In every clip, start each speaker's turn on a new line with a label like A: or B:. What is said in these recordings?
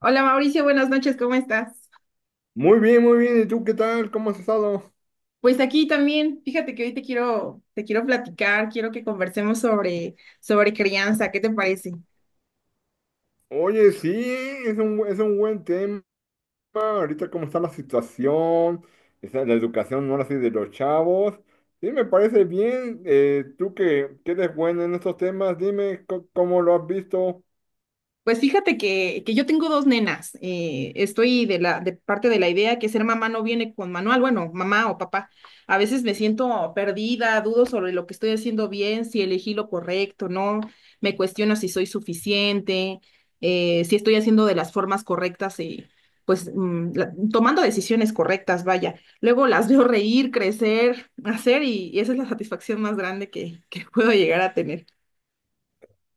A: Hola Mauricio, buenas noches, ¿cómo estás?
B: Muy bien, muy bien. ¿Y tú qué tal? ¿Cómo has estado?
A: Pues aquí también, fíjate que hoy te quiero platicar, quiero que conversemos sobre crianza, ¿qué te parece?
B: Oye, sí, es un buen tema. Ahorita cómo está la situación, está la educación ahora sí de los chavos. Sí, me parece bien. Tú que eres bueno en estos temas, dime cómo lo has visto.
A: Pues fíjate que yo tengo dos nenas. Estoy de parte de la idea que ser mamá no viene con manual. Bueno, mamá o papá. A veces me siento perdida, dudo sobre lo que estoy haciendo bien, si elegí lo correcto, ¿no? Me cuestiono si soy suficiente, si estoy haciendo de las formas correctas y pues tomando decisiones correctas, vaya. Luego las veo reír, crecer, hacer, y esa es la satisfacción más grande que puedo llegar a tener.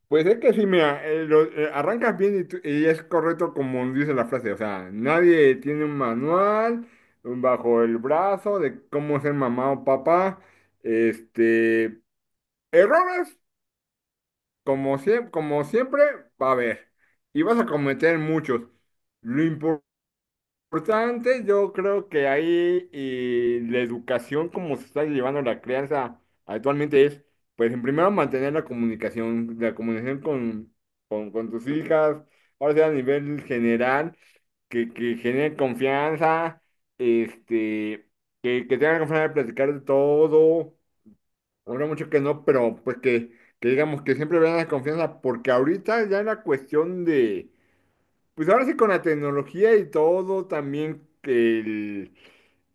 B: Pues es que sí, mira, arrancas bien y, y es correcto como dice la frase. O sea, nadie tiene un manual bajo el brazo de cómo ser mamá o papá. Este... Errores. Como siempre, va a haber. Y vas a cometer muchos. Lo importante, yo creo que ahí y la educación, como se está llevando la crianza actualmente, es, pues, en primero mantener la comunicación con, con tus hijas, ahora sea a nivel general, que genere confianza, este, que tengan confianza de platicar de todo. Habrá mucho que no, pero pues que digamos que siempre vean la confianza, porque ahorita ya en la cuestión de, pues ahora sí con la tecnología y todo, también que el,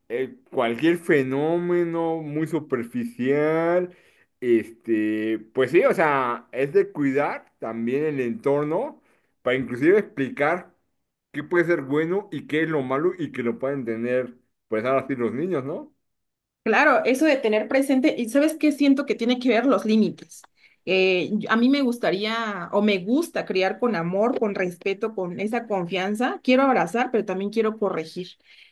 B: el cualquier fenómeno muy superficial, pues sí, o sea, es de cuidar también el entorno para inclusive explicar qué puede ser bueno y qué es lo malo y que lo pueden tener, pues ahora sí los niños, ¿no?
A: Claro, eso de tener presente, y sabes qué, siento que tiene que ver los límites. A mí me gustaría o me gusta criar con amor, con respeto, con esa confianza. Quiero abrazar, pero también quiero corregir.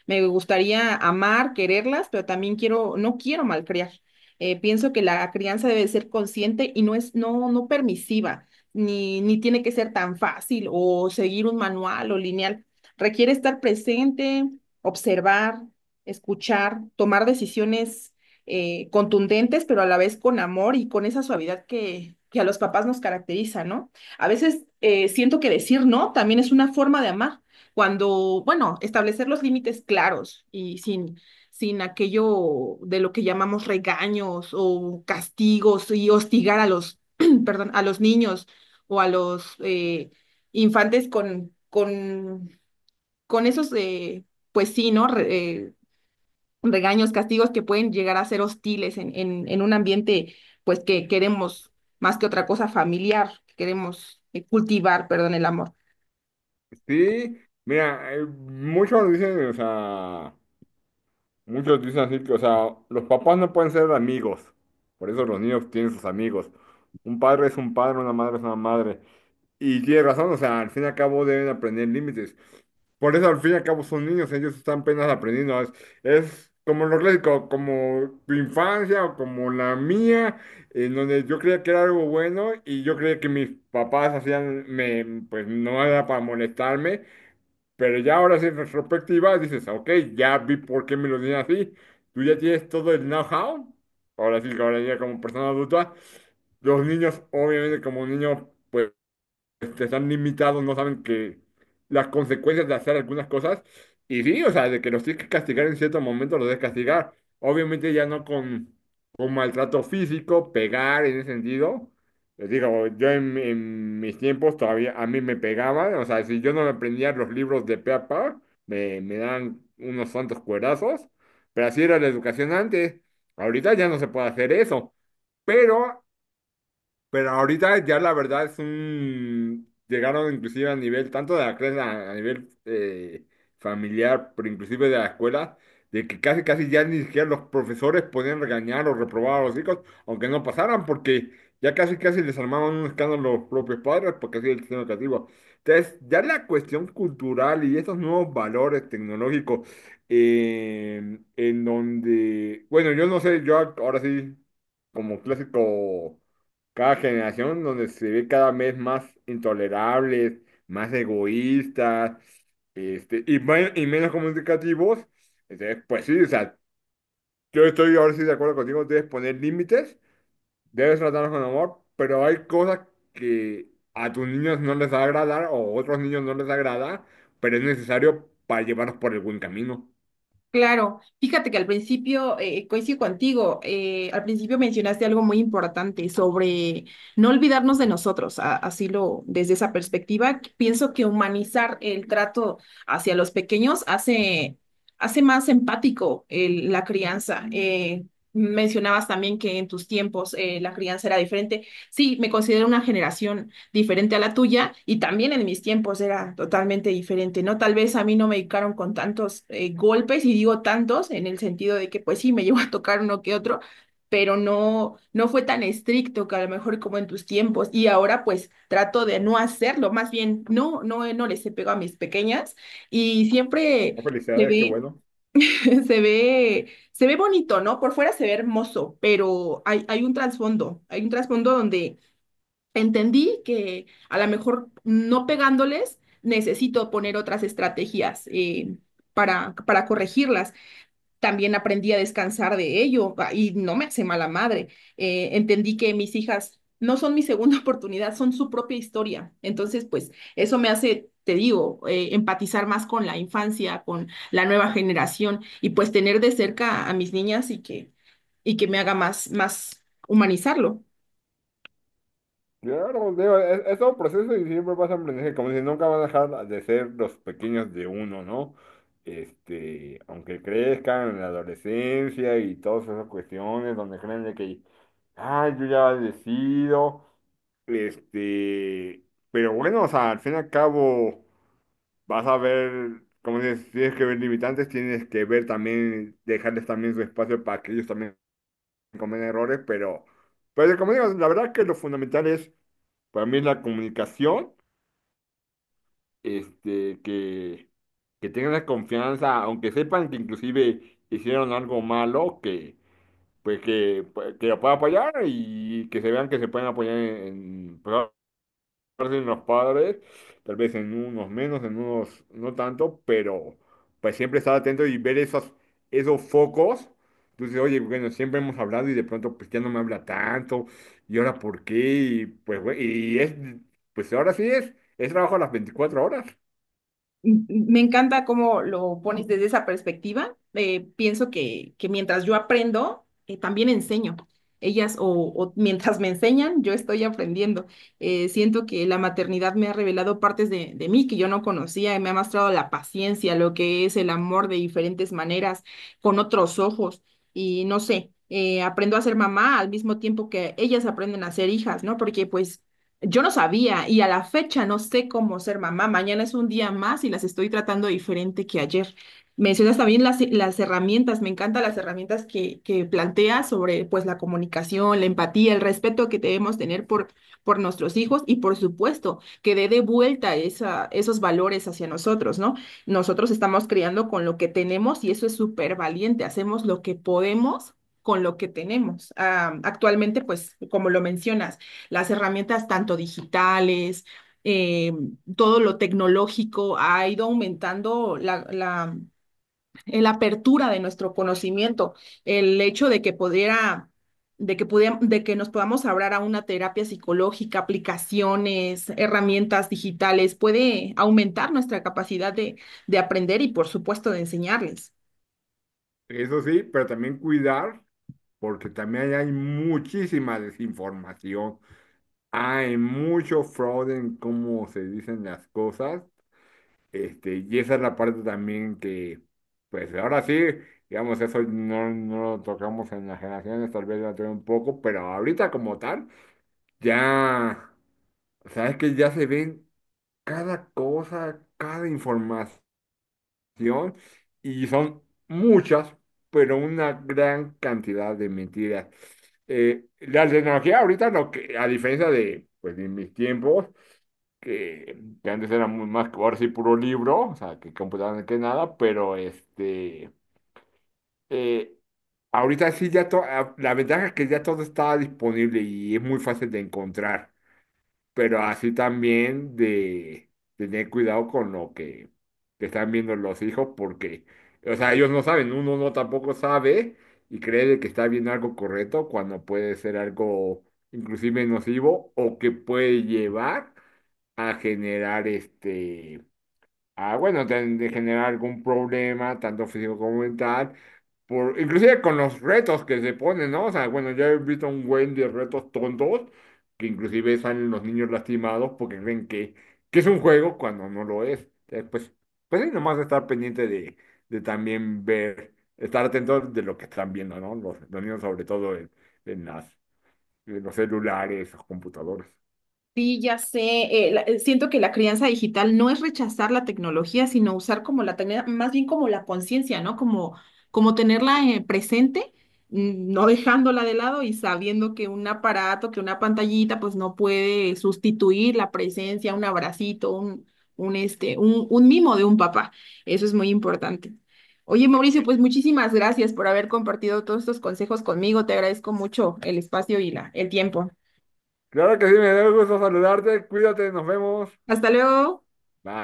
A: Me gustaría amar, quererlas, pero también no quiero malcriar. Pienso que la crianza debe ser consciente y no es permisiva, ni tiene que ser tan fácil o seguir un manual o lineal. Requiere estar presente, observar, escuchar, tomar decisiones contundentes, pero a la vez con amor y con esa suavidad que a los papás nos caracteriza, ¿no? A veces siento que decir no también es una forma de amar, cuando, bueno, establecer los límites claros y sin aquello de lo que llamamos regaños o castigos y hostigar a los, perdón, a los niños o a los infantes con esos... pues sí, ¿no? Regaños, castigos que pueden llegar a ser hostiles en un ambiente, pues que queremos más que otra cosa familiar, que queremos cultivar, perdón, el amor.
B: Sí, mira, muchos dicen, o sea, muchos dicen así que, o sea, los papás no pueden ser amigos, por eso los niños tienen sus amigos. Un padre es un padre, una madre es una madre. Y tiene razón, o sea, al fin y al cabo deben aprender límites. Por eso al fin y al cabo son niños, ellos están apenas aprendiendo. Es como lo clásico, como tu infancia o como la mía, en donde yo creía que era algo bueno y yo creía que mis papás hacían, me, pues no era para molestarme. Pero ya ahora sí, en retrospectiva, dices, ok, ya vi por qué me lo dicen así. Tú ya tienes todo el know-how. Ahora sí, que ahora ya como persona adulta, los niños, obviamente, como niños, están limitados, no saben que las consecuencias de hacer algunas cosas. Y sí, o sea, de que los tienes que castigar en cierto momento, los debes castigar. Obviamente ya no con maltrato físico, pegar en ese sentido. Les digo, yo en mis tiempos todavía a mí me pegaban, o sea, si yo no me aprendía los libros de pe a pa, me daban unos santos cuerazos, pero así era la educación antes. Ahorita ya no se puede hacer eso, pero pero ahorita ya la verdad es un... Llegaron inclusive a nivel, tanto de la clase, a nivel familiar, pero inclusive de la escuela, de que casi casi ya ni siquiera los profesores podían regañar o reprobar a los hijos, aunque no pasaran, porque ya casi casi les armaban un escándalo los propios padres, porque así es el sistema educativo. Entonces, ya la cuestión cultural y esos nuevos valores tecnológicos, en donde, bueno, yo no sé, yo ahora sí, como clásico cada generación donde se ve cada vez más intolerables, más egoístas, y menos comunicativos. Entonces, pues sí, o sea, yo estoy ahora sí de acuerdo contigo, debes poner límites, debes tratarlos con amor, pero hay cosas que a tus niños no les va a agradar o a otros niños no les agrada, pero es necesario para llevarlos por el buen camino.
A: Claro, fíjate que al principio, coincido contigo, al principio mencionaste algo muy importante sobre no olvidarnos de nosotros, así lo, desde esa perspectiva, que pienso que humanizar el trato hacia los pequeños hace, hace más empático la crianza. Mencionabas también que en tus tiempos la crianza era diferente. Sí, me considero una generación diferente a la tuya y también en mis tiempos era totalmente diferente, ¿no? Tal vez a mí no me dedicaron con tantos golpes y digo tantos en el sentido de que pues sí, me llegó a tocar uno que otro, pero no fue tan estricto que a lo mejor como en tus tiempos y ahora pues trato de no hacerlo, más bien no les he pegado a mis pequeñas y
B: Oh,
A: siempre se
B: felicidades, qué
A: ve,
B: bueno.
A: se ve, se ve bonito, ¿no? Por fuera se ve hermoso, pero hay un trasfondo, hay un trasfondo donde entendí que a lo mejor no pegándoles, necesito poner otras estrategias para corregirlas. También aprendí a descansar de ello y no me hace mala madre. Entendí que mis hijas no son mi segunda oportunidad, son su propia historia. Entonces, pues eso me hace... Te digo, empatizar más con la infancia, con la nueva generación y pues tener de cerca a mis niñas y que me haga más, más humanizarlo.
B: Claro, digo, es todo un proceso y siempre pasa a aprender como si nunca van a dejar de ser los pequeños de uno, ¿no? Aunque crezcan en la adolescencia y todas esas cuestiones donde creen de que, ay, yo ya decido, este, pero bueno, o sea, al fin y al cabo vas a ver, como dices, tienes que ver limitantes, tienes que ver también, dejarles también su espacio para que ellos también cometan errores, pero como digo, la verdad que lo fundamental es para mí es la comunicación, este, que, que tengan la confianza, aunque sepan que inclusive hicieron algo malo, que pues que, pues, que lo puedan apoyar y que se vean que se pueden apoyar en, parte en los padres, tal vez en unos menos, en unos no tanto, pero pues siempre estar atento y ver esos focos. Entonces, oye, bueno, siempre hemos hablado y de pronto pues ya no me habla tanto, y ahora por qué, y pues güey, pues ahora sí es trabajo a las 24 horas.
A: Me encanta cómo lo pones desde esa perspectiva. Pienso que mientras yo aprendo, también enseño. Ellas o mientras me enseñan, yo estoy aprendiendo. Siento que la maternidad me ha revelado partes de mí que yo no conocía y me ha mostrado la paciencia, lo que es el amor de diferentes maneras, con otros ojos. Y no sé, aprendo a ser mamá al mismo tiempo que ellas aprenden a ser hijas, ¿no? Porque pues yo no sabía y a la fecha no sé cómo ser mamá. Mañana es un día más y las estoy tratando diferente que ayer. Mencionas también las herramientas, me encantan las herramientas que planteas sobre pues la comunicación, la empatía, el respeto que debemos tener por nuestros hijos y por supuesto que dé de vuelta esa, esos valores hacia nosotros, ¿no? Nosotros estamos criando con lo que tenemos y eso es súper valiente, hacemos lo que podemos con lo que tenemos. Ah, actualmente, pues, como lo mencionas, las herramientas tanto digitales, eh, todo lo tecnológico ha ido aumentando la apertura de nuestro conocimiento, el hecho de que pudiera... De que nos podamos abrir a una terapia psicológica, aplicaciones, herramientas digitales, puede aumentar nuestra capacidad de aprender y, por supuesto, de enseñarles.
B: Eso sí, pero también cuidar, porque también ahí hay muchísima desinformación, hay mucho fraude en cómo se dicen las cosas. Y esa es la parte también que, pues ahora sí, digamos, eso no, no lo tocamos en las generaciones, tal vez la tuve un poco, pero ahorita como tal, ya, o sea, es que ya se ven cada cosa, cada información, y son muchas, pero una gran cantidad de mentiras. La tecnología ahorita, lo que, a diferencia de, pues, de mis tiempos, que antes era muy más, ahora sí puro libro, o sea, que computaban que nada, pero eh, ahorita sí ya todo, la ventaja es que ya todo está disponible y es muy fácil de encontrar, pero así también de tener cuidado con lo que te están viendo los hijos, porque, o sea, ellos no saben, uno no tampoco sabe y cree de que está viendo algo correcto cuando puede ser algo inclusive nocivo o que puede llevar a generar a, bueno, de generar algún problema, tanto físico como mental, por, inclusive con los retos que se ponen, ¿no? O sea, bueno, ya he visto un buen de retos tontos, que inclusive salen los niños lastimados porque creen que es un juego cuando no lo es. Entonces, pues, pues sí, nomás estar pendiente de también ver, estar atento de lo que están viendo, ¿no? Los niños sobre todo en las, en los celulares, los computadores.
A: Sí, ya sé. Siento que la crianza digital no es rechazar la tecnología, sino usar como la tecnología, más bien como la conciencia, ¿no? Como, como tenerla presente, no dejándola de lado y sabiendo que un aparato, que una pantallita, pues no puede sustituir la presencia, un abracito, un mimo de un papá. Eso es muy importante. Oye, Mauricio, pues muchísimas gracias por haber compartido todos estos consejos conmigo. Te agradezco mucho el espacio y el tiempo.
B: Claro que sí, me dio gusto saludarte. Cuídate, nos vemos.
A: Hasta luego.
B: Bye.